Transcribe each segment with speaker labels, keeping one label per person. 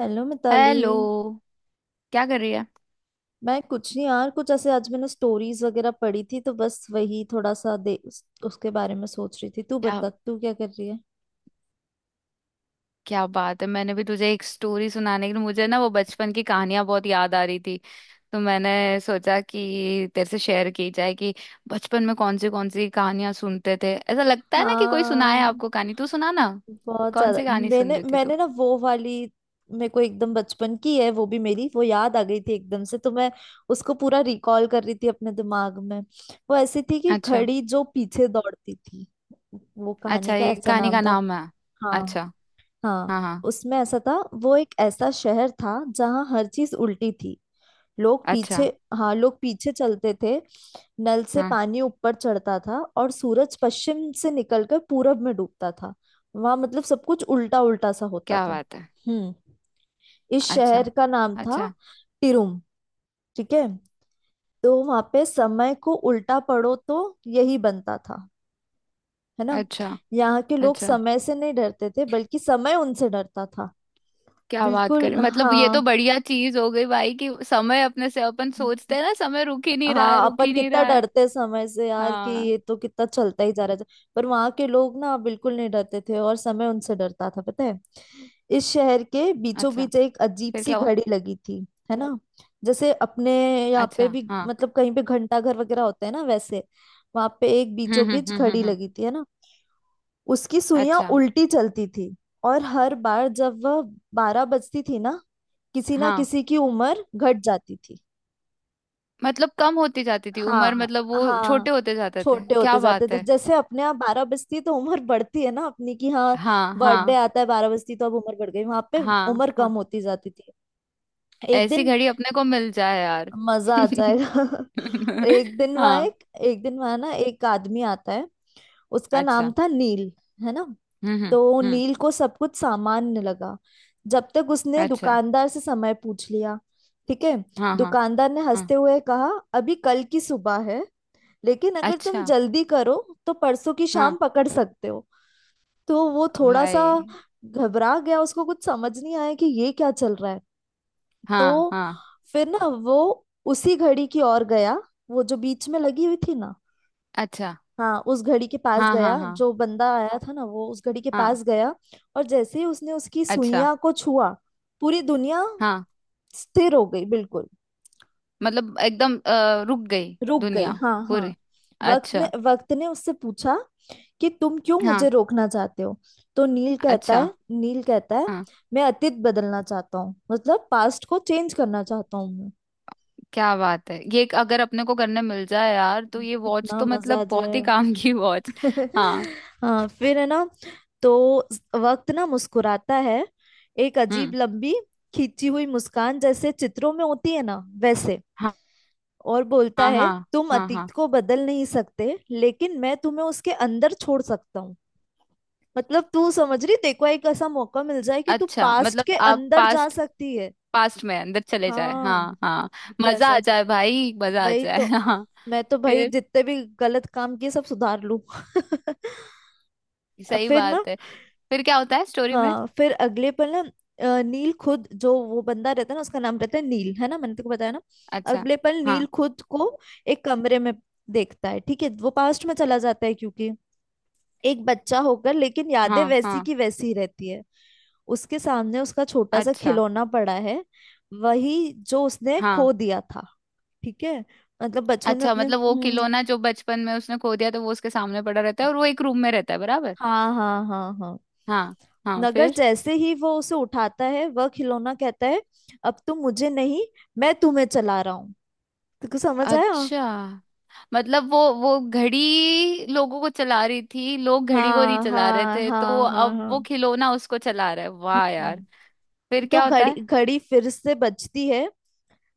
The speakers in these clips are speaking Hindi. Speaker 1: हेलो मिताली।
Speaker 2: हेलो। क्या कर रही है?
Speaker 1: मैं कुछ नहीं यार, कुछ ऐसे आज मैंने स्टोरीज वगैरह पढ़ी थी, तो बस वही थोड़ा सा दे उसके बारे में सोच रही थी। तू
Speaker 2: क्या।
Speaker 1: बता, तू क्या कर रही है?
Speaker 2: क्या बात है, मैंने भी तुझे एक स्टोरी सुनाने के लिए, मुझे ना वो बचपन की कहानियां बहुत याद आ रही थी। तो मैंने सोचा कि तेरे से शेयर की जाए कि बचपन में कौन सी कहानियां सुनते थे। ऐसा लगता है ना कि कोई सुनाए
Speaker 1: हाँ,
Speaker 2: आपको कहानी। तू सुना ना।
Speaker 1: बहुत
Speaker 2: कौन
Speaker 1: ज्यादा।
Speaker 2: सी कहानी सुन
Speaker 1: मैंने
Speaker 2: रही थी तू?
Speaker 1: मैंने ना वो वाली। मेरे को एकदम बचपन की है, वो भी मेरी, वो याद आ गई थी एकदम से, तो मैं उसको पूरा रिकॉल कर रही थी अपने दिमाग में। वो ऐसी थी कि
Speaker 2: अच्छा।
Speaker 1: घड़ी जो पीछे दौड़ती थी, वो कहानी
Speaker 2: अच्छा,
Speaker 1: का
Speaker 2: ये
Speaker 1: ऐसा
Speaker 2: कहानी
Speaker 1: नाम
Speaker 2: का
Speaker 1: था।
Speaker 2: नाम है?
Speaker 1: हाँ।
Speaker 2: अच्छा।
Speaker 1: हाँ।
Speaker 2: हाँ हाँ।
Speaker 1: उसमें ऐसा था, वो एक ऐसा शहर था जहाँ हर चीज उल्टी थी। लोग
Speaker 2: अच्छा।
Speaker 1: पीछे। हाँ, लोग पीछे चलते थे, नल से
Speaker 2: हाँ।
Speaker 1: पानी ऊपर चढ़ता था और सूरज पश्चिम से निकलकर पूरब में डूबता था। वहां मतलब सब कुछ उल्टा उल्टा सा होता
Speaker 2: क्या
Speaker 1: था।
Speaker 2: बात है।
Speaker 1: हम्म। इस
Speaker 2: अच्छा।
Speaker 1: शहर का नाम था
Speaker 2: अच्छा।
Speaker 1: टिरुम। ठीक है। तो वहां पे समय को उल्टा पढ़ो तो यही बनता था, है ना।
Speaker 2: अच्छा।
Speaker 1: यहाँ के लोग
Speaker 2: अच्छा।
Speaker 1: समय से नहीं डरते थे, बल्कि समय उनसे डरता था।
Speaker 2: क्या बात
Speaker 1: बिल्कुल
Speaker 2: करें, मतलब ये तो
Speaker 1: हाँ।
Speaker 2: बढ़िया चीज हो गई भाई कि समय। अपने से अपन सोचते हैं ना समय रुक ही नहीं रहा है,
Speaker 1: हाँ,
Speaker 2: रुक
Speaker 1: अपन
Speaker 2: ही नहीं
Speaker 1: कितना
Speaker 2: रहा है।
Speaker 1: डरते हैं समय से यार, कि
Speaker 2: हाँ।
Speaker 1: ये तो कितना चलता ही जा रहा है। पर वहां के लोग ना बिल्कुल नहीं डरते थे और समय उनसे डरता था, पता है। इस शहर के बीचों
Speaker 2: अच्छा।
Speaker 1: बीच एक अजीब
Speaker 2: फिर
Speaker 1: सी
Speaker 2: क्या हुआ?
Speaker 1: घड़ी लगी थी, है ना। जैसे अपने यहाँ पे
Speaker 2: अच्छा।
Speaker 1: भी
Speaker 2: हाँ।
Speaker 1: मतलब कहीं पे घंटा घर वगैरह होते हैं ना, वैसे वहां पे एक बीचों बीच घड़ी
Speaker 2: हम्म।
Speaker 1: लगी थी, है ना। उसकी सुइयां
Speaker 2: अच्छा।
Speaker 1: उल्टी चलती थी, और हर बार जब वह बारह बजती थी ना, किसी ना
Speaker 2: हाँ।
Speaker 1: किसी की उम्र घट जाती थी।
Speaker 2: मतलब कम होती जाती थी
Speaker 1: हाँ।
Speaker 2: उम्र, मतलब वो
Speaker 1: हाँ,
Speaker 2: छोटे होते जाते थे।
Speaker 1: छोटे
Speaker 2: क्या
Speaker 1: होते जाते हैं।
Speaker 2: बात है।
Speaker 1: जैसे अपने यहाँ बारह बजती है तो उम्र बढ़ती है ना अपनी की, हाँ,
Speaker 2: हाँ
Speaker 1: बर्थडे
Speaker 2: हाँ
Speaker 1: आता है। बारह बजती तो अब उम्र बढ़ गई। वहां पे
Speaker 2: हाँ
Speaker 1: उम्र
Speaker 2: हाँ।
Speaker 1: कम होती जाती थी। एक
Speaker 2: ऐसी
Speaker 1: दिन
Speaker 2: घड़ी अपने को मिल जाए यार।
Speaker 1: मजा आ जाएगा। एक दिन वहां
Speaker 2: हाँ।
Speaker 1: एक, एक दिन वहां ना एक आदमी आता है। उसका नाम
Speaker 2: अच्छा।
Speaker 1: था नील, है ना।
Speaker 2: हम्म हम्म
Speaker 1: तो
Speaker 2: हम्म।
Speaker 1: नील को सब कुछ सामान्य लगा, जब तक उसने
Speaker 2: अच्छा।
Speaker 1: दुकानदार से समय पूछ लिया। ठीक है।
Speaker 2: हाँ हाँ
Speaker 1: दुकानदार ने
Speaker 2: हाँ।
Speaker 1: हंसते हुए कहा, अभी कल की सुबह है, लेकिन अगर तुम
Speaker 2: अच्छा।
Speaker 1: जल्दी करो तो परसों की
Speaker 2: हाँ।
Speaker 1: शाम पकड़ सकते हो। तो वो थोड़ा सा
Speaker 2: भाई।
Speaker 1: घबरा गया, उसको कुछ समझ नहीं आया कि ये क्या चल रहा है।
Speaker 2: हाँ
Speaker 1: तो
Speaker 2: हाँ।
Speaker 1: फिर ना वो उसी घड़ी की ओर गया, वो जो बीच में लगी हुई थी ना।
Speaker 2: अच्छा।
Speaker 1: हाँ, उस घड़ी के पास
Speaker 2: हाँ हाँ
Speaker 1: गया।
Speaker 2: हाँ
Speaker 1: जो बंदा आया था ना, वो उस घड़ी के
Speaker 2: हाँ।
Speaker 1: पास गया, और जैसे ही उसने उसकी
Speaker 2: अच्छा।
Speaker 1: सुइयां को छुआ, पूरी दुनिया
Speaker 2: हाँ।
Speaker 1: स्थिर हो गई, बिल्कुल
Speaker 2: मतलब एकदम रुक गई।
Speaker 1: रुक गई।
Speaker 2: दुनिया।
Speaker 1: हाँ, हाँ।
Speaker 2: पूरी।
Speaker 1: वक्त ने
Speaker 2: अच्छा।
Speaker 1: वक्त ने उससे पूछा कि तुम क्यों
Speaker 2: हाँ।
Speaker 1: मुझे रोकना चाहते हो। तो नील कहता
Speaker 2: अच्छा।
Speaker 1: है, नील कहता है,
Speaker 2: हाँ।
Speaker 1: मैं अतीत बदलना चाहता हूँ, मतलब पास्ट को चेंज करना चाहता हूँ मैं।
Speaker 2: क्या बात है, ये एक अगर अपने को करने मिल जाए यार तो ये वॉच
Speaker 1: कितना
Speaker 2: तो
Speaker 1: मजा
Speaker 2: मतलब
Speaker 1: आ
Speaker 2: बहुत ही काम
Speaker 1: जाए।
Speaker 2: की वॉच। हाँ।
Speaker 1: हाँ, फिर है ना। तो वक्त ना मुस्कुराता है, एक अजीब
Speaker 2: हम्म।
Speaker 1: लंबी खींची हुई मुस्कान जैसे चित्रों में होती है ना वैसे,
Speaker 2: हाँ
Speaker 1: और बोलता
Speaker 2: हाँ
Speaker 1: है
Speaker 2: हाँ
Speaker 1: तुम
Speaker 2: हाँ
Speaker 1: अतीत
Speaker 2: हाँ।
Speaker 1: को बदल नहीं सकते, लेकिन मैं तुम्हें उसके अंदर छोड़ सकता हूँ। मतलब तू समझ रही, तेको एक ऐसा मौका मिल जाए कि तू
Speaker 2: अच्छा,
Speaker 1: पास्ट
Speaker 2: मतलब
Speaker 1: के
Speaker 2: आप
Speaker 1: अंदर जा
Speaker 2: पास्ट
Speaker 1: सकती है।
Speaker 2: पास्ट में अंदर चले जाए।
Speaker 1: हाँ।
Speaker 2: हाँ हाँ।
Speaker 1: तो
Speaker 2: मजा आ
Speaker 1: ऐसा,
Speaker 2: जाए भाई, मजा आ
Speaker 1: वही
Speaker 2: जाए।
Speaker 1: तो,
Speaker 2: हाँ।
Speaker 1: मैं तो भाई
Speaker 2: फिर।
Speaker 1: जितने भी गलत काम किए सब सुधार लूं।
Speaker 2: सही
Speaker 1: फिर ना,
Speaker 2: बात है। फिर क्या होता है स्टोरी में?
Speaker 1: हाँ फिर अगले पल ना, नील खुद, जो वो बंदा रहता है ना उसका नाम रहता है नील, है ना, मैंने तेको बताया ना।
Speaker 2: अच्छा।
Speaker 1: अगले पल नील
Speaker 2: हाँ
Speaker 1: खुद को एक कमरे में देखता है। ठीक है। वो पास्ट में चला जाता है क्योंकि एक बच्चा होकर, लेकिन यादें
Speaker 2: हाँ
Speaker 1: वैसी
Speaker 2: हाँ।
Speaker 1: की वैसी रहती है। उसके सामने उसका छोटा सा
Speaker 2: अच्छा।
Speaker 1: खिलौना पड़ा है, वही जो उसने
Speaker 2: हाँ।
Speaker 1: खो दिया था। ठीक है। मतलब बचपन में
Speaker 2: अच्छा,
Speaker 1: अपने।
Speaker 2: मतलब वो
Speaker 1: हम्म।
Speaker 2: खिलौना जो बचपन में उसने खो दिया, तो वो उसके सामने पड़ा रहता है और वो एक रूम में रहता है, बराबर।
Speaker 1: हाँ, हाँ, हाँ, हाँ।
Speaker 2: हाँ हाँ।
Speaker 1: नगर
Speaker 2: फिर।
Speaker 1: जैसे ही वो उसे उठाता है, वह खिलौना कहता है अब तुम मुझे नहीं, मैं तुम्हें चला रहा हूँ। तुमको समझ आया?
Speaker 2: अच्छा, मतलब वो घड़ी लोगों को चला रही थी, लोग घड़ी को नहीं
Speaker 1: हाँ,
Speaker 2: चला रहे
Speaker 1: हाँ,
Speaker 2: थे, तो
Speaker 1: हाँ, हाँ,
Speaker 2: अब वो
Speaker 1: हाँ।
Speaker 2: खिलौना उसको चला रहा है। वाह यार।
Speaker 1: हम्म।
Speaker 2: फिर
Speaker 1: तो
Speaker 2: क्या होता
Speaker 1: घड़ी
Speaker 2: है?
Speaker 1: घड़ी फिर से बजती है,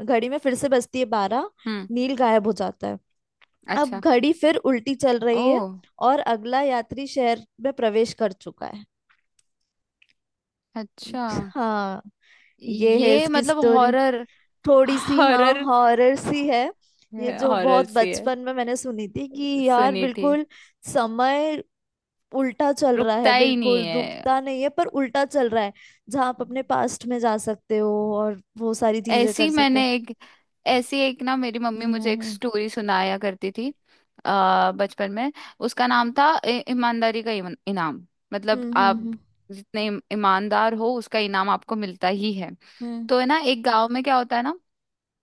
Speaker 1: घड़ी में फिर से बजती है बारह।
Speaker 2: हम्म।
Speaker 1: नील गायब हो जाता है। अब
Speaker 2: अच्छा।
Speaker 1: घड़ी फिर उल्टी चल
Speaker 2: ओ।
Speaker 1: रही है, और अगला यात्री शहर में प्रवेश कर चुका है।
Speaker 2: अच्छा।
Speaker 1: हाँ। ये है
Speaker 2: ये
Speaker 1: इसकी
Speaker 2: मतलब
Speaker 1: स्टोरी,
Speaker 2: हॉरर।
Speaker 1: थोड़ी सी हाँ
Speaker 2: हॉरर।
Speaker 1: हॉरर सी है। ये जो
Speaker 2: हॉरर
Speaker 1: बहुत
Speaker 2: सी है।
Speaker 1: बचपन में मैंने सुनी थी कि, यार
Speaker 2: सुनी थी।
Speaker 1: बिल्कुल, समय उल्टा चल रहा है,
Speaker 2: रुकता ही नहीं
Speaker 1: बिल्कुल
Speaker 2: है।
Speaker 1: रुकता नहीं है, पर उल्टा चल रहा है। जहाँ आप अपने पास्ट में जा सकते हो और वो सारी चीजें
Speaker 2: ऐसी
Speaker 1: कर सकते हो।
Speaker 2: मैंने एक। ऐसी एक ना मेरी मम्मी
Speaker 1: हम्म,
Speaker 2: मुझे एक
Speaker 1: हम्म,
Speaker 2: स्टोरी सुनाया करती थी। बचपन में। उसका नाम था ईमानदारी का इनाम। मतलब
Speaker 1: हम्म,
Speaker 2: आप
Speaker 1: हम्म,
Speaker 2: जितने ईमानदार हो उसका इनाम आपको मिलता ही है।
Speaker 1: हम्म,
Speaker 2: तो है ना, एक गांव में क्या होता है ना?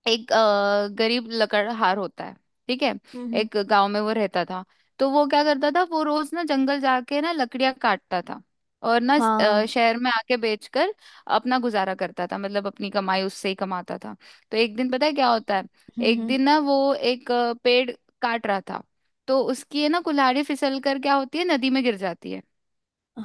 Speaker 2: एक गरीब लकड़हार होता है। ठीक है।
Speaker 1: हम्म,
Speaker 2: एक गांव में वो रहता था। तो वो क्या करता था, वो रोज ना जंगल जाके ना लकड़ियां काटता था। और ना
Speaker 1: हाँ,
Speaker 2: शहर में आके बेचकर अपना गुजारा करता था, मतलब अपनी कमाई उससे ही कमाता था। तो एक दिन पता है क्या होता है?
Speaker 1: हम्म,
Speaker 2: एक दिन ना वो एक पेड़ काट रहा था। तो उसकी है ना कुल्हाड़ी फिसल कर क्या होती है, नदी में गिर जाती है।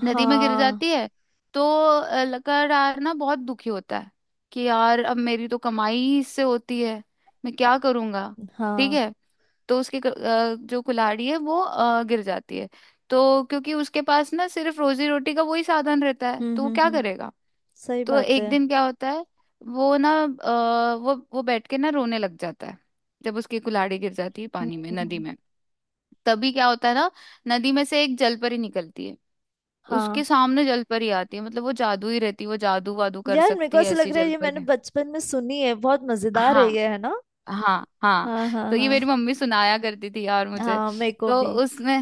Speaker 2: नदी में गिर
Speaker 1: हाँ,
Speaker 2: जाती है। तो लगातार ना बहुत दुखी होता है कि यार अब मेरी तो कमाई ही इससे होती है, मैं क्या करूंगा। ठीक
Speaker 1: हाँ,
Speaker 2: है। तो उसकी जो कुल्हाड़ी है वो गिर जाती है। तो क्योंकि उसके पास ना सिर्फ रोजी रोटी का वही साधन रहता है,
Speaker 1: हम्म,
Speaker 2: तो वो
Speaker 1: हम्म,
Speaker 2: क्या
Speaker 1: हम्म,
Speaker 2: करेगा?
Speaker 1: सही
Speaker 2: तो
Speaker 1: बात
Speaker 2: एक
Speaker 1: है,
Speaker 2: दिन क्या होता है, वो ना वो बैठ के ना रोने लग जाता है, जब उसकी कुल्हाड़ी गिर जाती है
Speaker 1: हम्म,
Speaker 2: पानी में, नदी में। तभी क्या होता है ना, नदी में से एक जलपरी निकलती है।
Speaker 1: हाँ।
Speaker 2: उसके सामने जलपरी आती है, मतलब वो जादू ही रहती है, वो जादू वादू कर
Speaker 1: यार मेरे को
Speaker 2: सकती है
Speaker 1: ऐसा
Speaker 2: ऐसी
Speaker 1: लग रहा है ये मैंने
Speaker 2: जलपरी।
Speaker 1: बचपन में सुनी है, बहुत मजेदार है
Speaker 2: हाँ
Speaker 1: ये, है ना।
Speaker 2: हाँ हाँ।
Speaker 1: हाँ, हाँ,
Speaker 2: तो ये
Speaker 1: हाँ,
Speaker 2: मेरी मम्मी सुनाया करती थी यार मुझे।
Speaker 1: हाँ, मेरे को
Speaker 2: तो
Speaker 1: भी।
Speaker 2: उसमें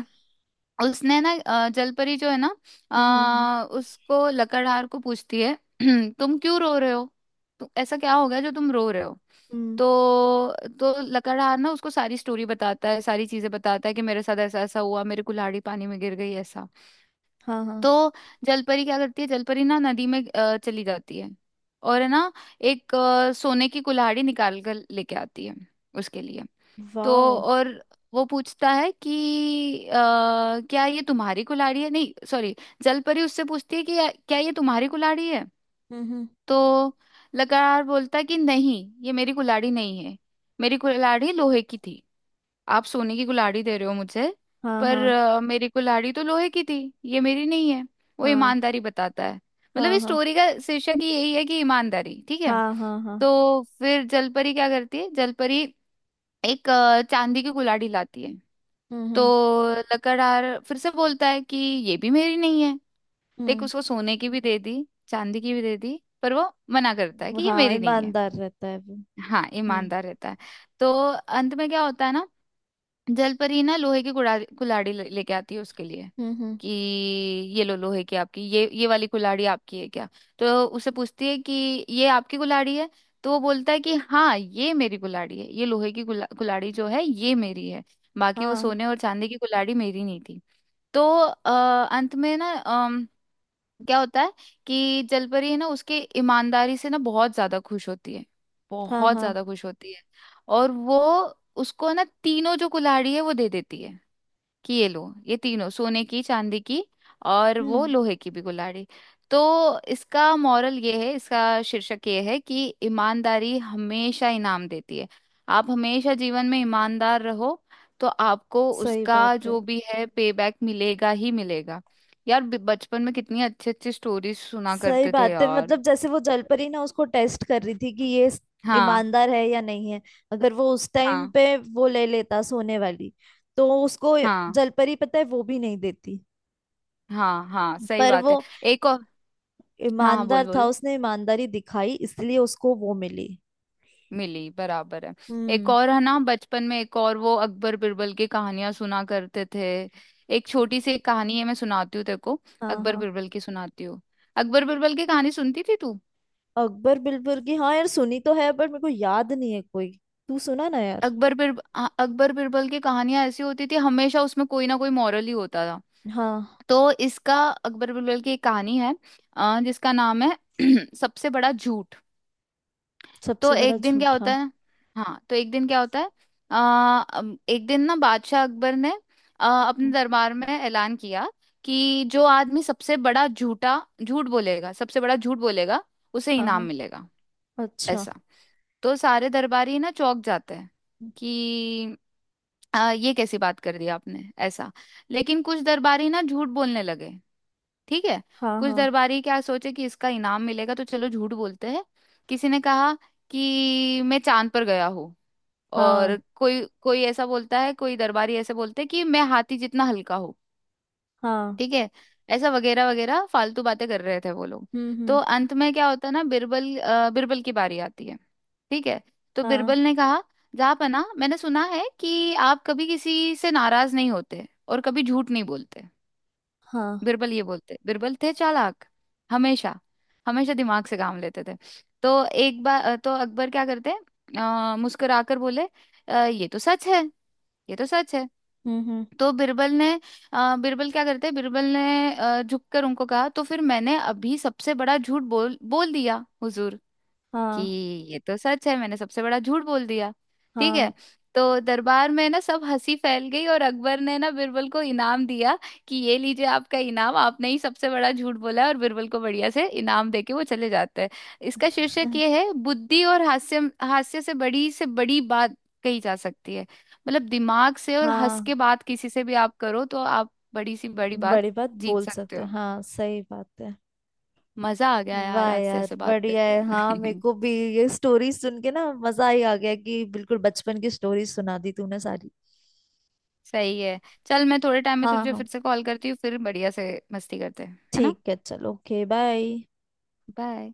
Speaker 2: उसने ना जलपरी जो है ना,
Speaker 1: हम्म, हम्म, हम्म,
Speaker 2: उसको लकड़हार को पूछती है। तुम क्यों रो रहे हो? तो ऐसा क्या हो गया जो तुम रो रहे हो?
Speaker 1: हम्म,
Speaker 2: तो तो लकड़हार ना उसको सारी स्टोरी बताता है, सारी चीजें बताता है कि मेरे साथ ऐसा ऐसा हुआ, मेरी कुल्हाड़ी पानी में गिर गई ऐसा।
Speaker 1: हाँ, हाँ।
Speaker 2: तो जलपरी क्या करती है, जलपरी ना नदी में चली जाती है, और है ना एक सोने की कुल्हाड़ी निकाल कर लेके आती है उसके लिए। तो
Speaker 1: वाओ।
Speaker 2: और वो पूछता है कि क्या ये तुम्हारी कुल्हाड़ी है, नहीं सॉरी, जलपरी उससे पूछती है कि क्या ये तुम्हारी कुल्हाड़ी है?"
Speaker 1: हम्म, हम्म,
Speaker 2: तो लकड़हार बोलता है कि नहीं, ये मेरी कुल्हाड़ी नहीं है। मेरी कुल्हाड़ी लोहे की थी। आप सोने की कुल्हाड़ी दे रहे हो मुझे।
Speaker 1: हाँ,
Speaker 2: पर
Speaker 1: हाँ,
Speaker 2: मेरी कुल्हाड़ी तो लोहे की थी, ये मेरी नहीं है। वो
Speaker 1: हाँ,
Speaker 2: ईमानदारी बताता है। मतलब
Speaker 1: हाँ,
Speaker 2: इस
Speaker 1: हाँ,
Speaker 2: स्टोरी का शीर्षक ही यही है कि ईमानदारी। ठीक है।
Speaker 1: हाँ, हाँ, हाँ।
Speaker 2: तो फिर जलपरी क्या करती है, जलपरी एक चांदी की कुल्हाड़ी लाती है।
Speaker 1: हम्म,
Speaker 2: तो
Speaker 1: हम्म,
Speaker 2: लकड़हार फिर से बोलता है कि ये भी मेरी नहीं है। देख, उसको सोने की भी दे दी, चांदी की भी दे दी, पर वो मना करता है
Speaker 1: हम्म,
Speaker 2: कि ये
Speaker 1: हाँ,
Speaker 2: मेरी नहीं है।
Speaker 1: ईमानदार रहता है वो।
Speaker 2: हाँ
Speaker 1: हम्म,
Speaker 2: ईमानदार रहता है। तो अंत में क्या होता है ना, जलपरी ना लोहे की कुड़ा कुल्हाड़ी लेके आती है उसके लिए
Speaker 1: हम्म, हम्म,
Speaker 2: कि ये लो लोहे की आपकी, ये वाली कुल्हाड़ी आपकी है क्या? तो उसे पूछती है कि ये आपकी कुल्हाड़ी है? तो वो बोलता है कि हाँ ये मेरी कुल्हाड़ी है, ये लोहे की कुल्हाड़ी जो है ये मेरी है। बाकी वो
Speaker 1: हाँ,
Speaker 2: सोने और चांदी की कुल्हाड़ी मेरी नहीं थी। तो अंत में ना क्या होता है कि जलपरी है ना उसके ईमानदारी से ना बहुत ज्यादा खुश होती है,
Speaker 1: हाँ,
Speaker 2: बहुत
Speaker 1: हाँ।
Speaker 2: ज्यादा खुश होती है। और वो उसको ना तीनों जो कुल्हाड़ी है वो दे देती है कि ये लो, ये तीनों सोने की, चांदी की और वो
Speaker 1: हम्म,
Speaker 2: लोहे की भी कुल्हाड़ी। तो इसका मॉरल ये है, इसका शीर्षक ये है कि ईमानदारी हमेशा इनाम देती है। आप हमेशा जीवन में ईमानदार रहो, तो आपको
Speaker 1: सही
Speaker 2: उसका
Speaker 1: बात है।
Speaker 2: जो भी है पे बैक मिलेगा ही मिलेगा। यार बचपन में कितनी अच्छी अच्छी स्टोरीज सुना
Speaker 1: सही
Speaker 2: करते थे
Speaker 1: बात है।
Speaker 2: यार।
Speaker 1: मतलब जैसे वो जलपरी ना उसको टेस्ट कर रही थी कि ये
Speaker 2: हाँ
Speaker 1: ईमानदार है या नहीं है। अगर वो उस टाइम
Speaker 2: हाँ
Speaker 1: पे वो ले लेता सोने वाली, तो उसको
Speaker 2: हाँ
Speaker 1: जलपरी पता है वो भी नहीं देती।
Speaker 2: हाँ हाँ। सही
Speaker 1: पर
Speaker 2: बात
Speaker 1: वो
Speaker 2: है। एक और। हाँ हाँ, बोल,
Speaker 1: ईमानदार था,
Speaker 2: बोलो।
Speaker 1: उसने ईमानदारी दिखाई, इसलिए उसको वो मिली।
Speaker 2: मिली बराबर है। एक
Speaker 1: हम्म।
Speaker 2: और है ना, बचपन में एक और वो अकबर बिरबल की कहानियां सुना करते थे। एक छोटी सी एक कहानी है, मैं सुनाती हूँ तेरे को,
Speaker 1: हाँ,
Speaker 2: अकबर
Speaker 1: हाँ।
Speaker 2: बिरबल की सुनाती हूँ। अकबर बिरबल की कहानी सुनती थी तू?
Speaker 1: अकबर बिरबल की, हाँ यार, सुनी तो है बट मेरे को याद नहीं है कोई। तू सुना ना यार।
Speaker 2: अकबर बिर हाँ, अकबर बिरबल की कहानियां ऐसी होती थी, हमेशा उसमें कोई ना कोई मॉरल ही होता था।
Speaker 1: हाँ।
Speaker 2: तो इसका अकबर बिरबल की एक कहानी है जिसका नाम है सबसे बड़ा झूठ। तो
Speaker 1: सबसे बड़ा
Speaker 2: एक दिन क्या
Speaker 1: झूठा।
Speaker 2: होता है? हाँ, तो एक दिन क्या होता है, आ, एक दिन ना बादशाह अकबर ने अपने
Speaker 1: हम्म,
Speaker 2: दरबार में ऐलान किया कि जो आदमी सबसे बड़ा झूठ बोलेगा, सबसे बड़ा झूठ बोलेगा, उसे
Speaker 1: हाँ,
Speaker 2: इनाम
Speaker 1: हाँ,
Speaker 2: मिलेगा,
Speaker 1: अच्छा।
Speaker 2: ऐसा। तो सारे दरबारी ना चौंक जाते हैं कि ये कैसी बात कर दी आपने ऐसा। लेकिन कुछ दरबारी ना झूठ बोलने लगे। ठीक है।
Speaker 1: हाँ,
Speaker 2: कुछ
Speaker 1: हाँ,
Speaker 2: दरबारी क्या सोचे कि इसका इनाम मिलेगा तो चलो झूठ बोलते हैं। किसी ने कहा कि मैं चांद पर गया हूँ। और
Speaker 1: हाँ,
Speaker 2: कोई कोई ऐसा बोलता है, कोई दरबारी ऐसे बोलते हैं कि मैं हाथी जितना हल्का हूँ।
Speaker 1: हाँ।
Speaker 2: ठीक है। ऐसा वगैरह वगैरह फालतू बातें कर रहे थे वो लोग।
Speaker 1: हम्म,
Speaker 2: तो
Speaker 1: हम्म,
Speaker 2: अंत में क्या होता है ना, बिरबल की बारी आती है। ठीक है। तो
Speaker 1: हाँ,
Speaker 2: बिरबल ने कहा, जापना मैंने सुना है कि आप कभी किसी से नाराज नहीं होते और कभी झूठ नहीं बोलते।
Speaker 1: हाँ।
Speaker 2: बिरबल ये बोलते, बिरबल थे चालाक, हमेशा। हमेशा दिमाग से काम लेते थे। तो एक बार तो अकबर क्या करते, मुस्कुराकर बोले, ये तो सच है, ये तो सच है।"
Speaker 1: हम्म, हम्म,
Speaker 2: तो बिरबल ने, बिरबल क्या करते, बिरबल ने झुककर उनको कहा, तो फिर मैंने अभी सबसे बड़ा झूठ बोल बोल दिया हुजूर, कि
Speaker 1: हाँ,
Speaker 2: ये तो सच है, मैंने सबसे बड़ा झूठ बोल दिया। ठीक
Speaker 1: हाँ।
Speaker 2: है। तो दरबार में ना सब हंसी फैल गई और अकबर ने ना बिरबल को इनाम दिया कि ये लीजिए आपका इनाम, आपने ही सबसे बड़ा झूठ बोला है, और बिरबल को बढ़िया से इनाम देके वो चले जाते हैं। इसका शीर्षक
Speaker 1: हम्म,
Speaker 2: ये है, बुद्धि और हास्य। हास्य से बड़ी बात कही जा सकती है, मतलब दिमाग से और हंस
Speaker 1: हाँ,
Speaker 2: के बात किसी से भी आप करो तो आप बड़ी सी बड़ी बात
Speaker 1: बड़ी बात
Speaker 2: जीत
Speaker 1: बोल
Speaker 2: सकते
Speaker 1: सकते हैं,
Speaker 2: हो।
Speaker 1: हाँ सही बात है।
Speaker 2: मजा आ गया यार
Speaker 1: वाह
Speaker 2: आज तेरे
Speaker 1: यार
Speaker 2: से बात
Speaker 1: बढ़िया है, हाँ मेरे
Speaker 2: करके।
Speaker 1: को भी। ये स्टोरी सुन के ना मजा ही आ गया कि बिल्कुल बचपन की स्टोरी सुना दी तूने सारी।
Speaker 2: सही है। चल, मैं थोड़े टाइम में
Speaker 1: हाँ,
Speaker 2: तुझे
Speaker 1: हाँ,
Speaker 2: फिर से कॉल करती हूँ, फिर बढ़िया से मस्ती करते हैं, है ना।
Speaker 1: ठीक है, चलो, ओके, बाय।
Speaker 2: बाय।